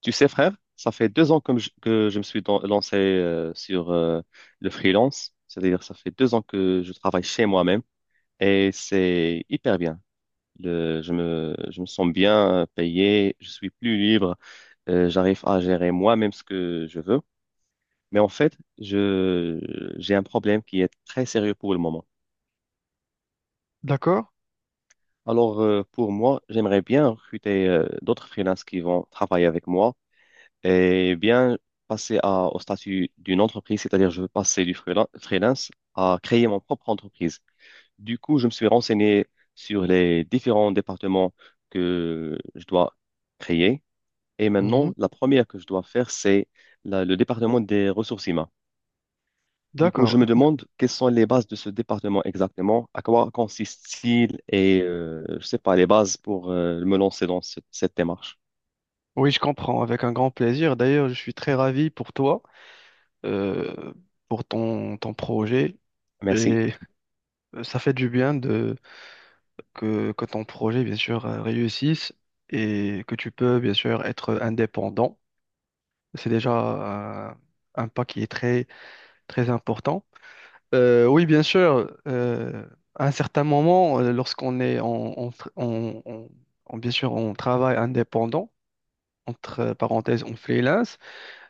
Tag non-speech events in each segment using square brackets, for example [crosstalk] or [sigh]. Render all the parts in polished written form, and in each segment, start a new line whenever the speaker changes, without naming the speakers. Tu sais, frère, ça fait deux ans que je lancé sur le freelance. C'est-à-dire, ça fait deux ans que je travaille chez moi-même et c'est hyper bien. Je me sens bien payé, je suis plus libre, j'arrive à gérer moi-même ce que je veux. Mais en fait, j'ai un problème qui est très sérieux pour le moment.
D'accord?
Alors, pour moi, j'aimerais bien recruter d'autres freelances qui vont travailler avec moi et bien passer au statut d'une entreprise, c'est-à-dire je veux passer freelance à créer mon propre entreprise. Du coup, je me suis renseigné sur les différents départements que je dois créer. Et
Mhm.
maintenant, la première que je dois faire, c'est le département des ressources humaines. Du coup, je me
D'accord.
demande quelles sont les bases de ce département exactement, à quoi consiste-t-il et, je sais pas, les bases pour me lancer dans cette démarche.
Oui, je comprends, avec un grand plaisir. D'ailleurs, je suis très ravi pour toi, euh, pour ton projet.
Merci.
Et ça fait du bien que ton projet, bien sûr, réussisse et que tu peux, bien sûr, être indépendant. C'est déjà un pas qui est très important. Oui, bien sûr, à un certain moment, lorsqu'on est bien sûr, on travaille indépendant, entre parenthèses, on freelance,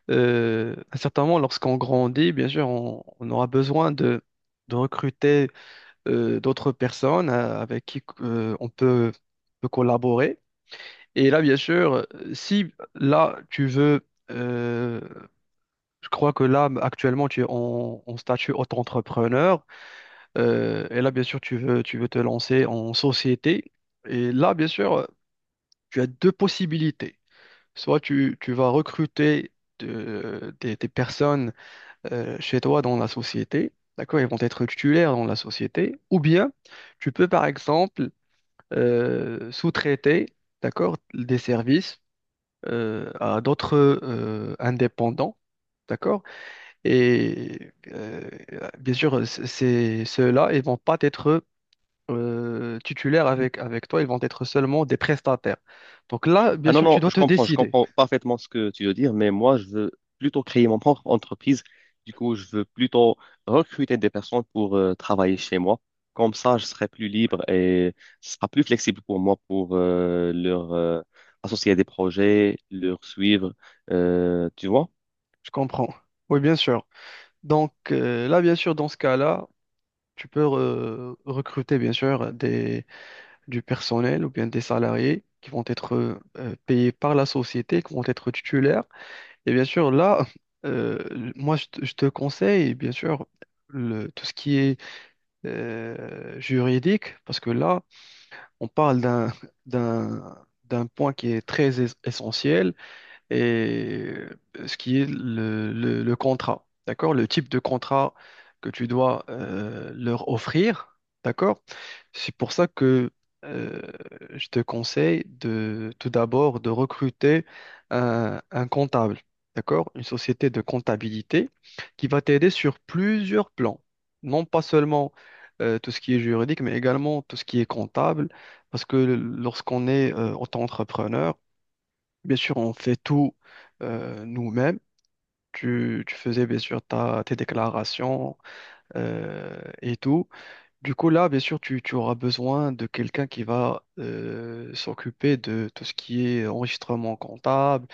à un certain moment, lorsqu'on grandit, bien sûr, on aura besoin de recruter d'autres personnes avec qui on peut collaborer. Et là, bien sûr, si là, je crois que là, actuellement, tu es en statut auto-entrepreneur. Euh, et là, bien sûr, tu veux te lancer en société. Et là, bien sûr, tu as deux possibilités. Soit tu vas recruter des personnes chez toi dans la société. D'accord? Ils vont être titulaires dans la société. Ou bien, tu peux, par exemple, sous-traiter, d'accord, des services à d'autres indépendants. D'accord? Et bien sûr, ceux-là, ils vont pas être titulaires avec toi, ils vont être seulement des prestataires. Donc là, bien
Ah non,
sûr, tu
non,
dois te
je
décider.
comprends parfaitement ce que tu veux dire, mais moi, je veux plutôt créer mon propre entreprise. Du coup, je veux plutôt recruter des personnes pour travailler chez moi. Comme ça, je serai plus libre et ce sera plus flexible pour moi pour leur associer à des projets, leur suivre, tu vois?
Je comprends. Oui, bien sûr. Donc là, bien sûr, dans ce cas-là, tu peux recruter, bien sûr, du personnel ou bien des salariés qui vont être payés par la société, qui vont être titulaires. Et bien sûr, là, euh, moi, je te conseille, bien sûr, le, tout ce qui est juridique, parce que là, on parle d'un point qui est très essentiel, et ce qui est le contrat, d'accord? Le type de contrat que tu dois leur offrir, d'accord? C'est pour ça que euh, je te conseille de tout d'abord de recruter un comptable, d'accord? Une société de comptabilité qui va t'aider sur plusieurs plans, non pas seulement tout ce qui est juridique, mais également tout ce qui est comptable, parce que lorsqu'on est auto-entrepreneur, bien sûr, on fait tout nous-mêmes. Tu faisais bien sûr tes déclarations et tout. Du coup, là, bien sûr, tu auras besoin de quelqu'un qui va s'occuper de tout ce qui est enregistrement comptable,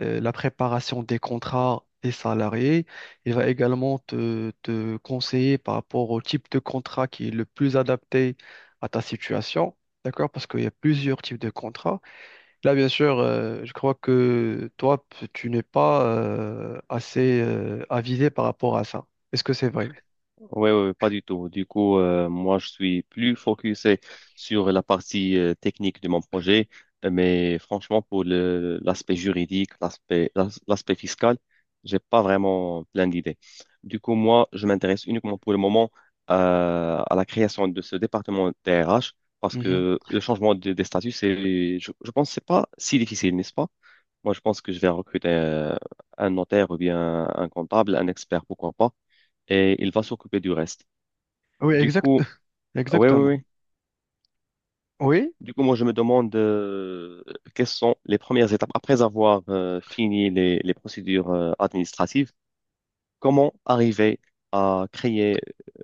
la préparation des contrats des salariés. Il va également te conseiller par rapport au type de contrat qui est le plus adapté à ta situation. D'accord? Parce qu'il y a plusieurs types de contrats. Là, bien sûr, je crois que toi, tu n'es pas assez avisé par rapport à ça. Est-ce que c'est vrai?
Oui, oui, pas du tout. Du coup, moi, je suis plus focusé sur la partie technique de mon projet. Mais franchement, pour l'aspect juridique, l'aspect fiscal, j'ai pas vraiment plein d'idées. Du coup, moi, je m'intéresse uniquement pour le moment à la création de ce département TRH parce
Mhm.
que le changement des statuts, je pense, que c'est pas si difficile, n'est-ce pas? Moi, je pense que je vais recruter un notaire ou bien un comptable, un expert, pourquoi pas, et il va s'occuper du reste.
Oui,
Du
exact,
coup,
[laughs]
ah oui, oui,
exactement.
oui.
Oui,
Du coup, moi, je me demande quelles sont les premières étapes après avoir fini les procédures administratives. Comment arriver à créer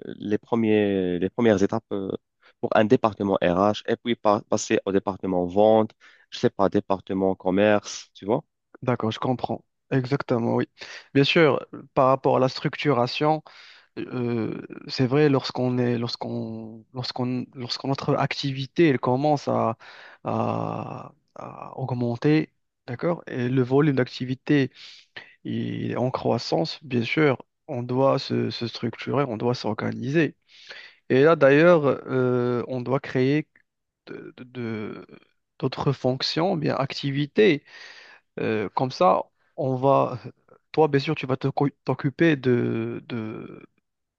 les premières étapes pour un département RH et puis passer au département vente, je sais pas, département commerce, tu vois?
d'accord, je comprends. Exactement, oui. Bien sûr, par rapport à la structuration. Euh, c'est vrai, lorsqu'on est, lorsqu'on, lorsqu'on, lorsque notre activité elle commence à augmenter, d'accord? Et le volume d'activité il est en croissance, bien sûr, on doit se structurer, on doit s'organiser. Et là, d'ailleurs, on doit créer de, de- de- d'autres fonctions, bien activités. Comme ça, on va, toi, bien sûr, tu vas t'occuper de,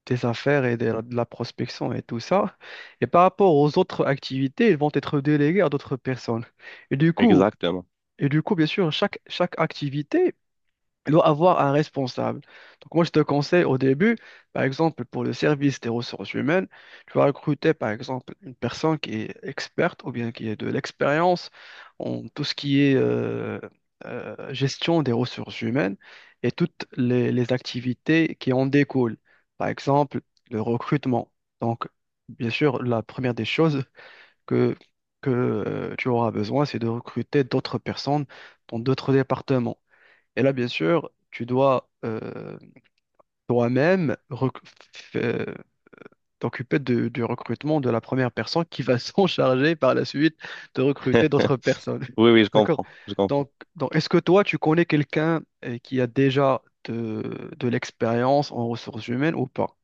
des affaires et de la prospection et tout ça. Et par rapport aux autres activités, ils vont être délégués à d'autres personnes. Et du coup,
Exactement.
et du coup, bien sûr, chaque activité elle doit avoir un responsable. Donc moi, je te conseille au début, par exemple, pour le service des ressources humaines, tu vas recruter, par exemple, une personne qui est experte ou bien qui a de l'expérience en tout ce qui est gestion des ressources humaines et toutes les activités qui en découlent. Par exemple, le recrutement. Donc, bien sûr, la première des choses que, que tu auras besoin, c'est de recruter d'autres personnes dans d'autres départements. Et là, bien sûr, tu dois toi-même f- euh, t'occuper du recrutement de la première personne qui va [laughs] s'en charger par la suite de recruter d'autres
[laughs]
personnes.
Oui, oui, je
[laughs] D'accord?
comprends, je comprends.
Donc, donc est-ce que toi, tu connais quelqu'un qui a déjà de l'expérience en ressources humaines ou pas?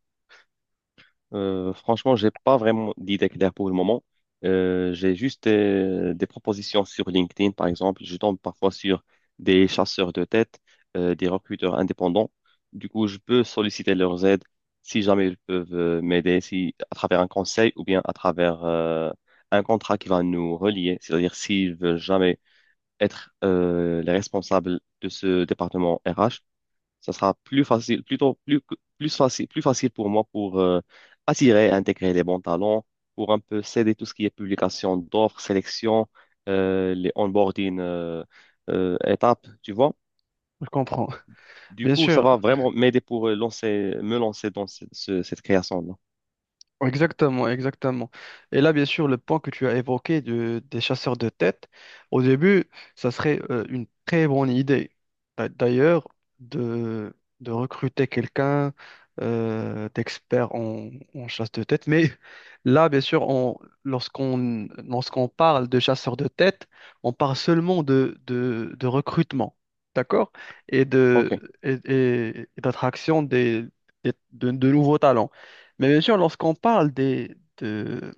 Franchement, j'ai pas vraiment d'idée claire pour le moment. J'ai juste des propositions sur LinkedIn, par exemple. Je tombe parfois sur des chasseurs de tête, des recruteurs indépendants. Du coup, je peux solliciter leurs aides si jamais ils peuvent m'aider, si à travers un conseil ou bien à travers un contrat qui va nous relier. C'est-à-dire s'ils veulent jamais être les responsables de ce département RH, ça sera plus facile, plus facile pour moi pour attirer et intégrer les bons talents, pour un peu céder tout ce qui est publication d'offres, sélection, les onboarding étapes, tu vois.
Je comprends.
Du
Bien
coup, ça
sûr.
va vraiment m'aider pour me lancer dans cette création-là.
Exactement, exactement. Et là, bien sûr, le point que tu as évoqué des chasseurs de tête, au début, ça serait une très bonne idée. D'ailleurs, de recruter quelqu'un d'expert en chasse de tête. Mais là, bien sûr, on, lorsqu'on parle de chasseurs de tête, on parle seulement de recrutement, d'accord? Et de,
OK.
et d'attraction de nouveaux talents. Mais bien sûr, lorsqu'on parle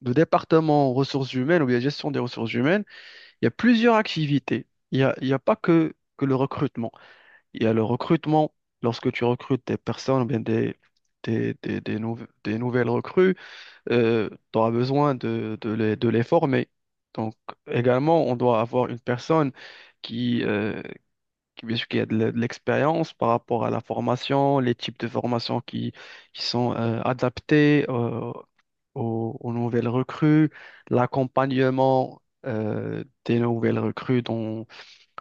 de département ressources humaines ou bien gestion des ressources humaines, il y a plusieurs activités. Il y a pas que le recrutement. Il y a le recrutement lorsque tu recrutes des personnes ou bien des des nouvelles recrues, tu auras besoin de les former. Donc également, on doit avoir une personne qui, bien sûr qu'il y a de l'expérience par rapport à la formation, les types de formations qui sont adaptés aux nouvelles recrues, l'accompagnement des nouvelles recrues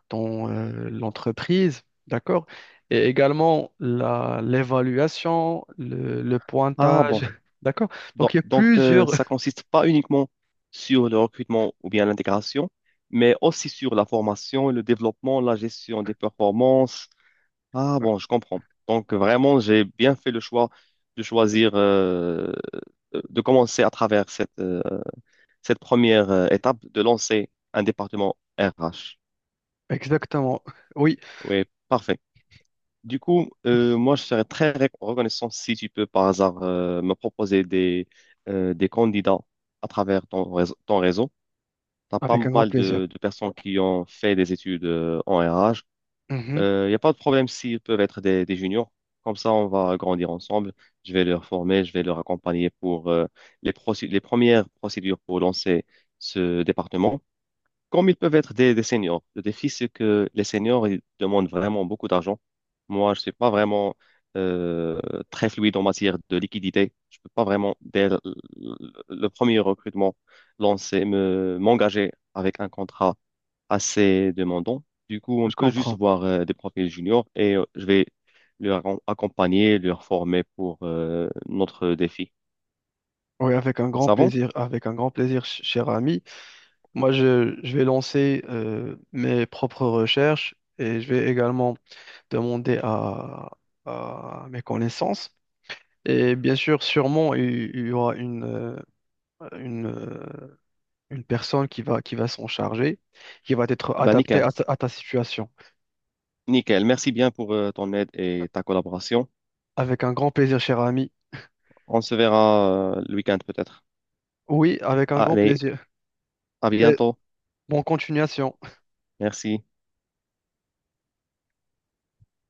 dans l'entreprise, d'accord? Et également l'évaluation, le
Ah
pointage,
bon.
[laughs] d'accord?
Donc,
Donc il y a plusieurs...
ça
[laughs]
consiste pas uniquement sur le recrutement ou bien l'intégration, mais aussi sur la formation, le développement, la gestion des performances. Ah bon, je comprends. Donc vraiment, j'ai bien fait le choix de choisir, de commencer à travers cette première étape, de lancer un département RH.
Exactement, oui,
Oui, parfait. Du coup, moi, je serais très reconnaissant si tu peux par hasard me proposer des candidats à travers ton réseau. Ton réseau. Tu as pas
avec un grand
mal
plaisir.
de personnes qui ont fait des études en RH.
Mhm,
Il n'y a pas de problème s'ils peuvent être des juniors. Comme ça, on va grandir ensemble. Je vais leur former, je vais leur accompagner pour les premières procédures pour lancer ce département. Comme ils peuvent être des seniors. Le défi, c'est que les seniors, ils demandent vraiment beaucoup d'argent. Moi, je ne suis pas vraiment euh, très fluide en matière de liquidité. Je ne peux pas vraiment, le- premier recrutement, m'engager avec un contrat assez demandant. Du coup, on
je
peut juste
comprends.
voir des profils juniors et je vais accompagner, leur former pour notre défi.
Oui, avec un grand
Ça va?
plaisir, avec un grand plaisir, cher ami. Moi, je vais lancer mes propres recherches et je vais également demander à mes connaissances. Et bien sûr, sûrement, il y aura une, euh, une personne qui va s'en charger, qui va être
Ah ben,
adaptée
nickel.
à ta situation.
Nickel. Merci bien pour ton aide et ta collaboration.
Avec un grand plaisir, cher ami.
On se verra le week-end peut-être.
Oui, avec un grand
Allez,
plaisir.
à
Et
bientôt.
bonne continuation.
Merci.